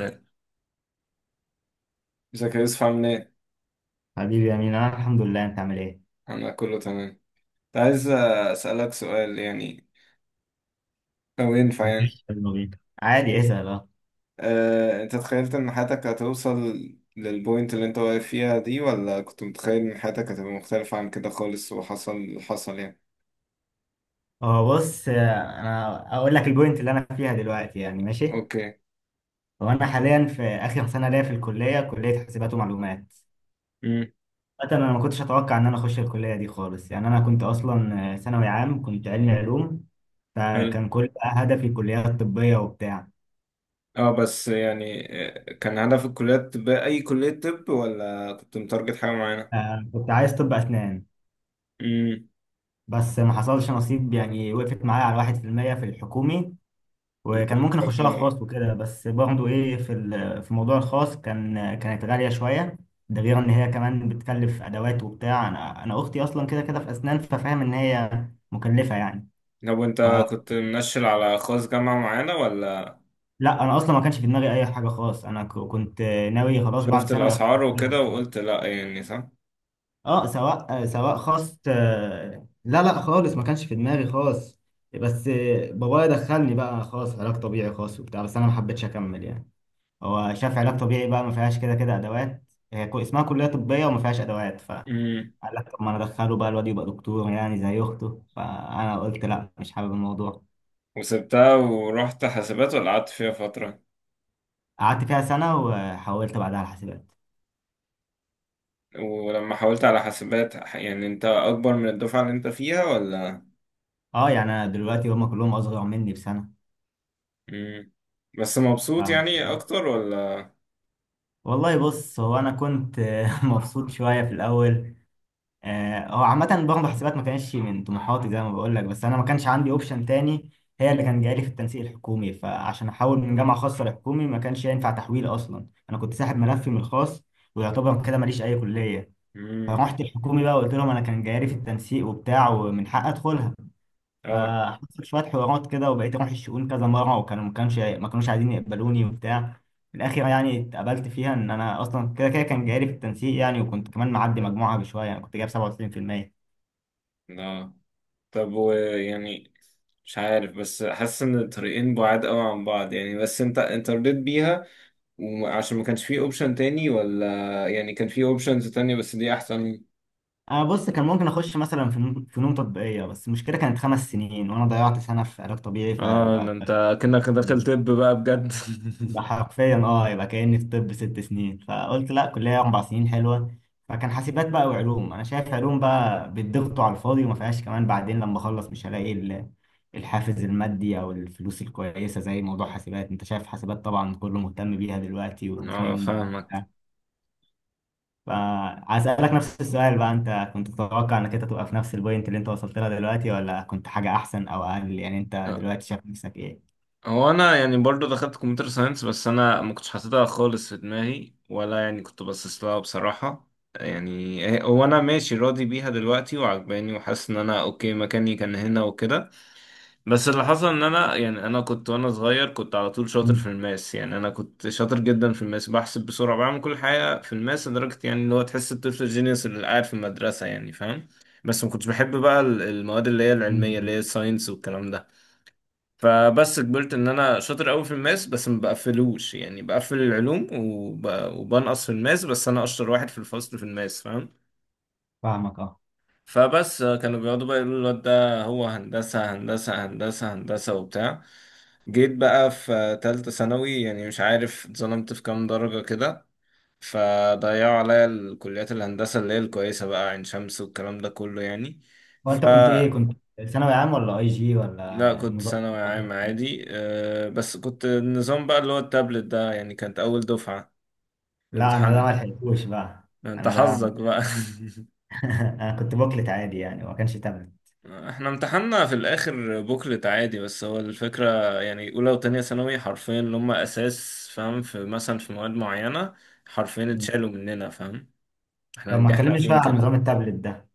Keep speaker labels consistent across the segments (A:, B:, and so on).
A: ازيك يا يوسف، عامل ايه؟
B: حبيبي يا مين، انا الحمد لله، انت عامل ايه؟
A: انا كله تمام. كنت عايز اسألك سؤال يعني، لو ينفع يعني.
B: مفيش، يلا بينا عادي، اسال اه.
A: انت تخيلت ان حياتك هتوصل للبوينت اللي انت واقف فيها دي، ولا كنت متخيل ان حياتك هتبقى مختلفة عن كده خالص وحصل اللي حصل يعني؟
B: هو بص، انا اقول لك البوينت اللي انا فيها دلوقتي يعني ماشي.
A: اوكي.
B: هو انا حاليا في اخر سنه ليا في الكليه، كليه حاسبات ومعلومات.
A: امم.
B: مثلا انا ما كنتش اتوقع ان انا اخش الكليه دي خالص يعني، انا كنت اصلا ثانوي عام، كنت علمي علوم.
A: حلو.
B: فكان كل بقى هدفي كليات طبيه وبتاع.
A: اه بس يعني، كان هدفك كلية طب؟ اي كلية طب؟ ولا كنت متارجت حاجة معينة؟
B: كنت عايز طب اسنان.
A: امم.
B: بس ما حصلش نصيب يعني، وقفت معايا على 1% في المية في الحكومي. وكان ممكن اخشها
A: ربنا.
B: خاص وكده، بس برضه ايه في موضوع الخاص كانت غاليه شويه. ده غير ان هي كمان بتكلف ادوات وبتاع. انا اختي اصلا كده كده في اسنان، ففاهم ان هي مكلفه يعني.
A: طب وانت
B: فلا،
A: كنت منشل على خاص جامعة معينة ولا؟
B: انا اصلا ما كانش في دماغي اي حاجه خاص، انا كنت ناوي خلاص بعد
A: شفت
B: ثانوي اخش
A: الأسعار وكده
B: كلية.
A: وقلت لأ، يعني صح.
B: اه، سواء خاص، لا لا خالص، ما كانش في دماغي خاص. بس بابايا دخلني بقى خاص علاج طبيعي، خاص وبتاع، بس انا ما حبيتش اكمل يعني. هو شاف علاج طبيعي بقى ما فيهاش كده كده ادوات، هي اسمها كليه طبيه وما فيهاش ادوات، فقال
A: امم.
B: لك طب ما انا ادخله بقى الواد يبقى دكتور يعني زي اخته. فانا قلت لا، مش حابب الموضوع.
A: وسبتها ورحت حاسبات وقعدت فيها فترة.
B: قعدت فيها سنه وحولت بعدها على حاسبات.
A: ولما حاولت على حاسبات، يعني أنت أكبر من الدفعة اللي أنت فيها ولا؟
B: اه يعني انا دلوقتي هم كلهم اصغر مني بسنه.
A: امم. بس مبسوط
B: ف-
A: يعني أكتر ولا؟
B: والله بص، هو انا كنت مبسوط شويه في الاول. هو عامة برضه حسابات ما كانش من طموحاتي زي ما بقول لك، بس أنا ما كانش عندي أوبشن تاني. هي اللي كان جايلي في التنسيق الحكومي، فعشان أحول من جامعة خاصة لحكومي ما كانش ينفع تحويل، أصلا أنا كنت ساحب ملفي من الخاص، ويعتبر كده ماليش أي كلية.
A: امم.
B: فرحت الحكومي بقى وقلت لهم أنا كان جايلي في التنسيق وبتاع ومن حق أدخلها.
A: آه.
B: فحصل شوية حوارات كده وبقيت أروح الشؤون كذا مرة، وكانوا ما كانوش عايزين يقبلوني وبتاع. في الآخر يعني اتقبلت فيها، إن أنا أصلا كده كده كان جايلي في التنسيق يعني، وكنت كمان معدي مجموعة بشوية يعني، كنت جايب 97%.
A: لا. طب ويعني مش عارف، بس حاسس إن الطريقين بعاد أوي عن بعض يعني. بس أنت، أنت رضيت بيها وعشان ما كانش فيه أوبشن تاني، ولا يعني كان فيه أوبشنز تانية بس دي أحسن؟
B: انا بص كان ممكن اخش مثلا في فنون تطبيقيه، بس المشكله كانت 5 سنين وانا ضيعت سنه في علاج طبيعي،
A: اه ده
B: فيبقى
A: انت كأنك داخل طب بقى بجد.
B: يبقى حرفيا اه، يبقى كاني في طب 6 سنين، فقلت لا، كليه 4 سنين حلوه. فكان حاسبات بقى. وعلوم، انا شايف علوم بقى بتضغطوا على الفاضي وما فيهاش كمان بعدين لما اخلص مش هلاقي الحافز المادي او الفلوس الكويسه زي موضوع حاسبات. انت شايف حاسبات طبعا كله مهتم بيها دلوقتي
A: اه
B: والترند.
A: فاهمك.
B: فعايز نفس السؤال بقى، انت كنت تتوقع انك انت تبقى في نفس البوينت اللي انت وصلت لها دلوقتي ولا كنت حاجة احسن او اقل؟ يعني انت
A: آه،
B: دلوقتي شايف نفسك ايه؟
A: هو انا يعني برضو دخلت كمبيوتر ساينس، بس انا ما كنتش حاططها خالص في دماغي ولا، يعني كنت باصص لها بصراحة. يعني هو انا ماشي راضي بيها دلوقتي وعجباني، وحاسس ان انا اوكي، مكاني كان هنا وكده. بس اللي حصل ان انا، يعني انا كنت، وانا صغير كنت على طول شاطر في
B: مم.
A: الماس. يعني انا كنت شاطر جدا في الماس، بحسب بسرعه، بعمل كل حاجه في الماس، لدرجه يعني اللي هو تحس الطفل الجينيوس اللي قاعد في المدرسه، يعني فاهم. بس ما كنتش بحب بقى المواد اللي هي العلميه، اللي
B: مم.
A: هي الساينس والكلام ده. فبس كبرت، ان انا شاطر قوي في الماس بس ما بقفلوش، يعني بقفل العلوم وبنقص في الماس، بس انا اشطر واحد في الفصل في الماس، فاهم.
B: فاهمك اه.
A: فبس كانوا بيقعدوا بقى يقولوا الواد ده هو هندسه هندسه هندسه هندسه وبتاع. جيت بقى في تالتة ثانوي، يعني مش عارف اتظلمت في كام درجة كده، فضيعوا عليا الكليات الهندسة اللي هي الكويسة بقى، عين شمس والكلام ده كله يعني. ف
B: وانت كنت ثانوي عام ولا اي جي
A: لا،
B: ولا
A: كنت
B: النظام
A: ثانوي
B: بتاعك
A: عام
B: إيه؟
A: عادي، أه، بس كنت النظام بقى اللي هو التابلت ده يعني، كانت أول دفعة
B: لا، انا ده
A: امتحان.
B: ما لحقتوش بقى.
A: انت
B: انا ده
A: حظك بقى.
B: انا كنت بوكلت عادي يعني، وما كانش تابلت.
A: احنا امتحاننا في الآخر بوكلت عادي، بس هو الفكرة يعني أولى وتانية ثانوي حرفيا اللي هم أساس، فاهم، في مثلا في مواد معينة حرفيا
B: مم.
A: اتشالوا مننا، فاهم. احنا
B: طب ما
A: نجحنا
B: تكلمني شوية
A: فيهم
B: عن
A: كده.
B: نظام التابلت ده.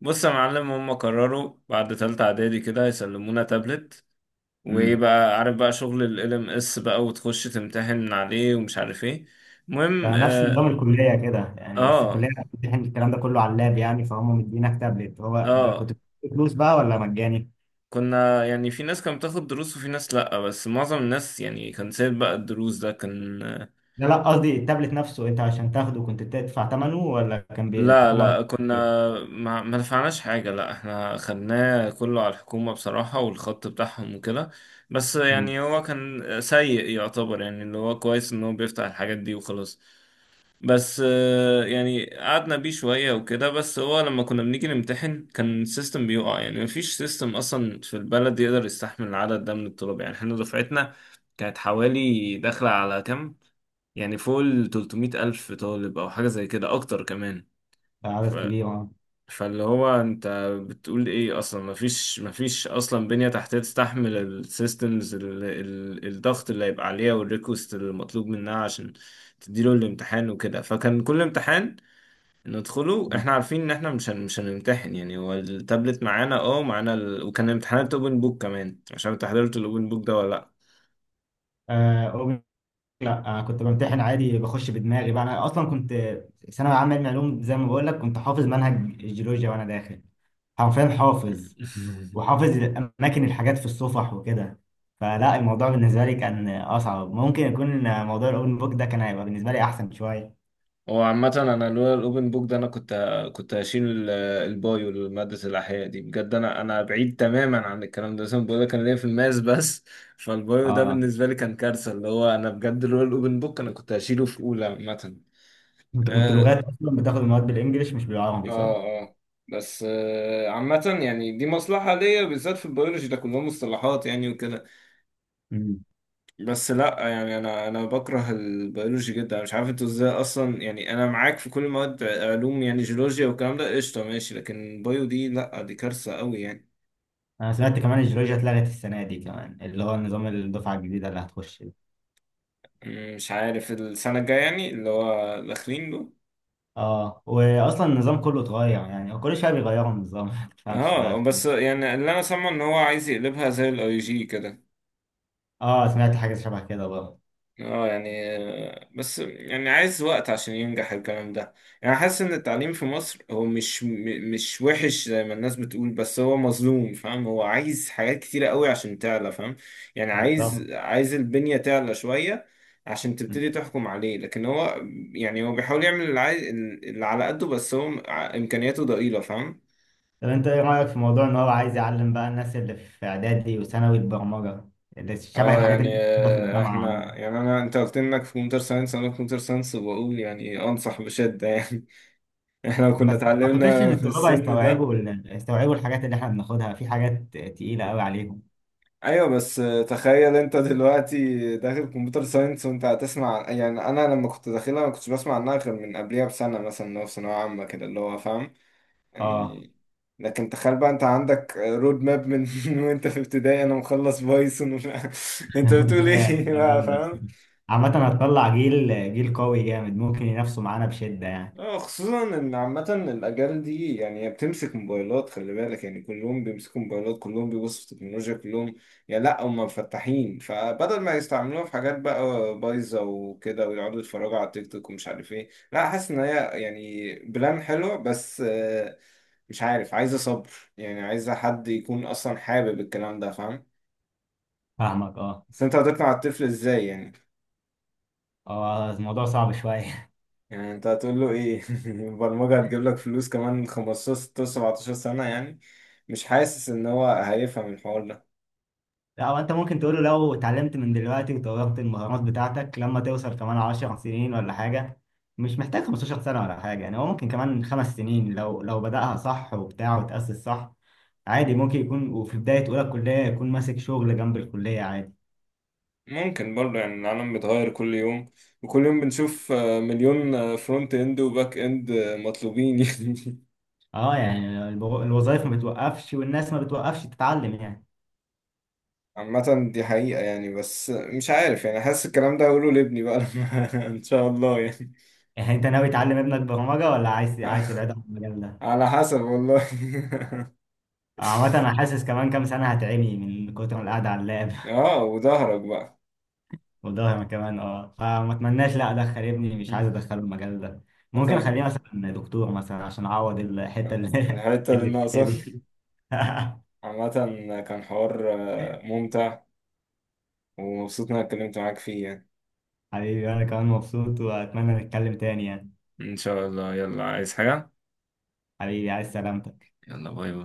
A: بص يا معلم، هم قرروا بعد تالتة اعدادي كده يسلمونا تابلت، وايه
B: امم
A: بقى، عارف بقى شغل ال LMS بقى، وتخش تمتحن من عليه ومش عارف ايه. المهم.
B: ده نفس نظام
A: اه.
B: الكلية كده يعني، بس
A: اه،
B: الكلية بتمتحن الكلام ده كله على اللاب يعني، فهم مدينك تابلت. هو كنت
A: آه،
B: بتدفع فلوس بقى ولا مجاني؟
A: كنا يعني في ناس كانت بتاخد دروس وفي ناس لأ، بس معظم الناس يعني كان سايب بقى الدروس، ده كان.
B: لا لا، قصدي التابلت نفسه، انت عشان تاخده كنت بتدفع ثمنه ولا كان
A: لا
B: الحكومة
A: لا،
B: بت-.
A: كنا ما دفعناش حاجة، لا، احنا خدناه كله على الحكومة بصراحة، والخط بتاعهم وكده. بس
B: مم.
A: يعني هو كان سيء يعتبر، يعني اللي هو كويس ان هو بيفتح الحاجات دي وخلاص. بس يعني قعدنا بيه شوية وكده، بس هو لما كنا بنيجي نمتحن كان السيستم بيقع. يعني مفيش سيستم اصلا في البلد يقدر يستحمل العدد ده من الطلاب. يعني احنا دفعتنا كانت حوالي داخلة على كام، يعني فوق ال 300 ألف طالب أو حاجة زي كده أكتر كمان.
B: ده عدد كبير اه.
A: فاللي هو انت بتقول ايه، اصلا مفيش، اصلا بنية تحتية تستحمل السيستمز، الضغط اللي هيبقى عليها والريكوست المطلوب منها عشان تديله الامتحان وكده. فكان كل امتحان ندخله
B: مم.
A: احنا عارفين ان احنا مش هنمتحن يعني. هو التابلت معانا، اه، معانا وكان امتحانات اوبن بوك كمان. مش عارف انت حضرت الاوبن بوك ده ولا؟
B: آه، أوبن- لا، كنت بمتحن عادي، بخش بدماغي بقى. انا اصلا كنت ثانوي عام علم علوم زي ما بقول لك، كنت حافظ منهج الجيولوجيا وانا داخل، حرفيا حافظ،
A: لا.
B: وحافظ اماكن الحاجات في الصفح وكده. فلا الموضوع بالنسبه لي كان اصعب، ممكن يكون موضوع الاوبن بوك ده كان هيبقى بالنسبه لي احسن شويه.
A: هو عامة أنا لولا الأوبن بوك ده، أنا كنت هشيل البايو، مادة الأحياء دي، بجد. أنا بعيد تماما عن الكلام ده أصلا، بقول لك أنا ليا في الماس بس، فالبايو ده
B: اه،
A: بالنسبة لي كان كارثة، اللي هو أنا بجد لولا الأوبن بوك أنا كنت هشيله في أولى عامة.
B: انت كنت
A: آه.
B: لغات اصلا بتاخد المواد بالانجلش مش بالعربي،
A: آه.
B: صح؟
A: آه. بس آه، عامة يعني دي مصلحة ليا، بالذات في البيولوجي ده كلهم مصطلحات يعني وكده.
B: امم.
A: بس لا، يعني انا، بكره البيولوجي جدا. انا مش عارف انتوا ازاي اصلا. يعني انا معاك في كل المواد علوم، يعني جيولوجيا والكلام ده قشطه ماشي، لكن بايو دي لا، دي كارثه قوي يعني.
B: انا سمعت كمان الجيولوجيا اتلغت السنه دي، كمان اللي هو نظام الدفعه الجديده اللي هتخش دي.
A: مش عارف السنه الجايه، يعني اللي هو داخلين له.
B: اه، واصلا النظام كله اتغير، يعني هو كل شويه بيغيروا النظام ما تفهمش
A: اه
B: بقى
A: بس
B: فيه.
A: يعني اللي انا سامعه ان هو عايز يقلبها زي الاي جي كده.
B: اه، سمعت حاجه شبه كده برضه.
A: اه يعني، بس يعني عايز وقت عشان ينجح الكلام ده. يعني حاسس ان التعليم في مصر هو مش وحش زي ما الناس بتقول، بس هو مظلوم، فاهم، هو عايز حاجات كتيرة قوي عشان تعلى، فاهم. يعني عايز،
B: بالظبط.
A: عايز البنية تعلى شوية عشان تبتدي تحكم عليه. لكن هو، يعني هو بيحاول يعمل اللي عايز، اللي على قده، بس هو امكانياته ضئيلة، فاهم.
B: طب انت ايه رأيك في موضوع ان هو عايز يعلم بقى الناس اللي في اعدادي وثانوي البرمجة، اللي شبه
A: اه
B: الحاجات اللي
A: يعني،
B: بتاخدها في الجامعة
A: احنا
B: عندك؟
A: يعني انا، انت قلت انك في كمبيوتر ساينس، انا في كمبيوتر ساينس، وبقول يعني انصح بشدة. يعني احنا
B: بس
A: كنا
B: ما اعتقدش ان
A: اتعلمنا في
B: الطلاب
A: السن ده.
B: هيستوعبوا الحاجات اللي احنا بناخدها، في حاجات تقيلة قوي عليهم.
A: ايوه، بس تخيل انت دلوقتي داخل كمبيوتر ساينس وانت هتسمع، يعني انا لما كنت داخلها ما كنتش بسمع عنها غير من قبلها بسنه مثلا، اللي هو في ثانويه عامه كده، اللي هو فاهم
B: اه.
A: يعني. لكن تخيل بقى انت عندك رود ماب من، وانت في ابتدائي، انا مخلص بايثون ومش عارف- انت بتقول
B: ايه
A: ايه
B: ده،
A: بقى،
B: جامدة
A: فاهم.
B: بصراحة. عامة هتطلع جيل قوي جامد، ممكن ينافسوا معانا بشدة يعني.
A: اه، خصوصا ان عامة الاجيال دي، يعني هي بتمسك موبايلات، خلي بالك، يعني كلهم بيمسكوا موبايلات، كلهم بيبصوا في التكنولوجيا، كلهم يعني لا هم مفتحين. فبدل ما يستعملوها في حاجات بقى بايظة وكده ويقعدوا يتفرجوا على التيك توك ومش عارف ايه، لا، حاسس ان هي يعني بلان حلوة، بس مش عارف، عايزة صبر. يعني عايزة حد يكون اصلا حابب الكلام ده، فاهم.
B: فاهمك اه.
A: بس انت هتقنع الطفل ازاي يعني؟
B: اه الموضوع صعب شوية.
A: يعني انت هتقول له ايه؟ البرمجة هتجيب لك فلوس كمان 15 16 17 سنة يعني؟ مش حاسس ان هو هيفهم الحوار ده.
B: لا، هو انت ممكن تقوله لو اتعلمت من دلوقتي وطورت المهارات بتاعتك، لما توصل كمان 10 سنين ولا حاجة. مش محتاج 15 سنة ولا حاجة يعني، هو ممكن كمان 5 سنين لو بدأها صح وبتاع وتأسس صح. عادي ممكن يكون، وفي بداية أولى الكلية يكون ماسك شغل جنب الكلية عادي.
A: ممكن برضه، يعني العالم بيتغير كل يوم، وكل يوم بنشوف مليون، فرونت اند وباك اند، مطلوبين يعني.
B: اه يعني الوظائف ما بتوقفش والناس ما بتوقفش تتعلم يعني.
A: عامة دي حقيقة يعني، بس مش عارف، يعني حاسس الكلام ده هقوله لابني بقى لما، ان شاء الله يعني.
B: يعني انت ناوي تعلم ابنك برمجة ولا عايز تبعده عن المجال ده؟
A: على حسب والله.
B: عامة انا حاسس كمان كام سنة هتعمي من كتر القعدة على اللاب.
A: اه، وظهرك بقى.
B: وده أنا كمان اه، فما اتمناش لا ادخل ابني، مش عايز ادخله المجال ده. ممكن
A: مثلا
B: اخليه مثلا دكتور مثلا عشان اعوض الحته اللي
A: الحتة اللي
B: اللي فيها
A: ناقصة.
B: دي.
A: عامة كان حوار ممتع، ومبسوط إن أنا اتكلمت معاك فيه يعني.
B: حبيبي، انا كمان مبسوط واتمنى نتكلم تاني يعني.
A: إن شاء الله. يلا، عايز حاجة؟
B: حبيبي، عايز سلامتك.
A: يلا، باي باي.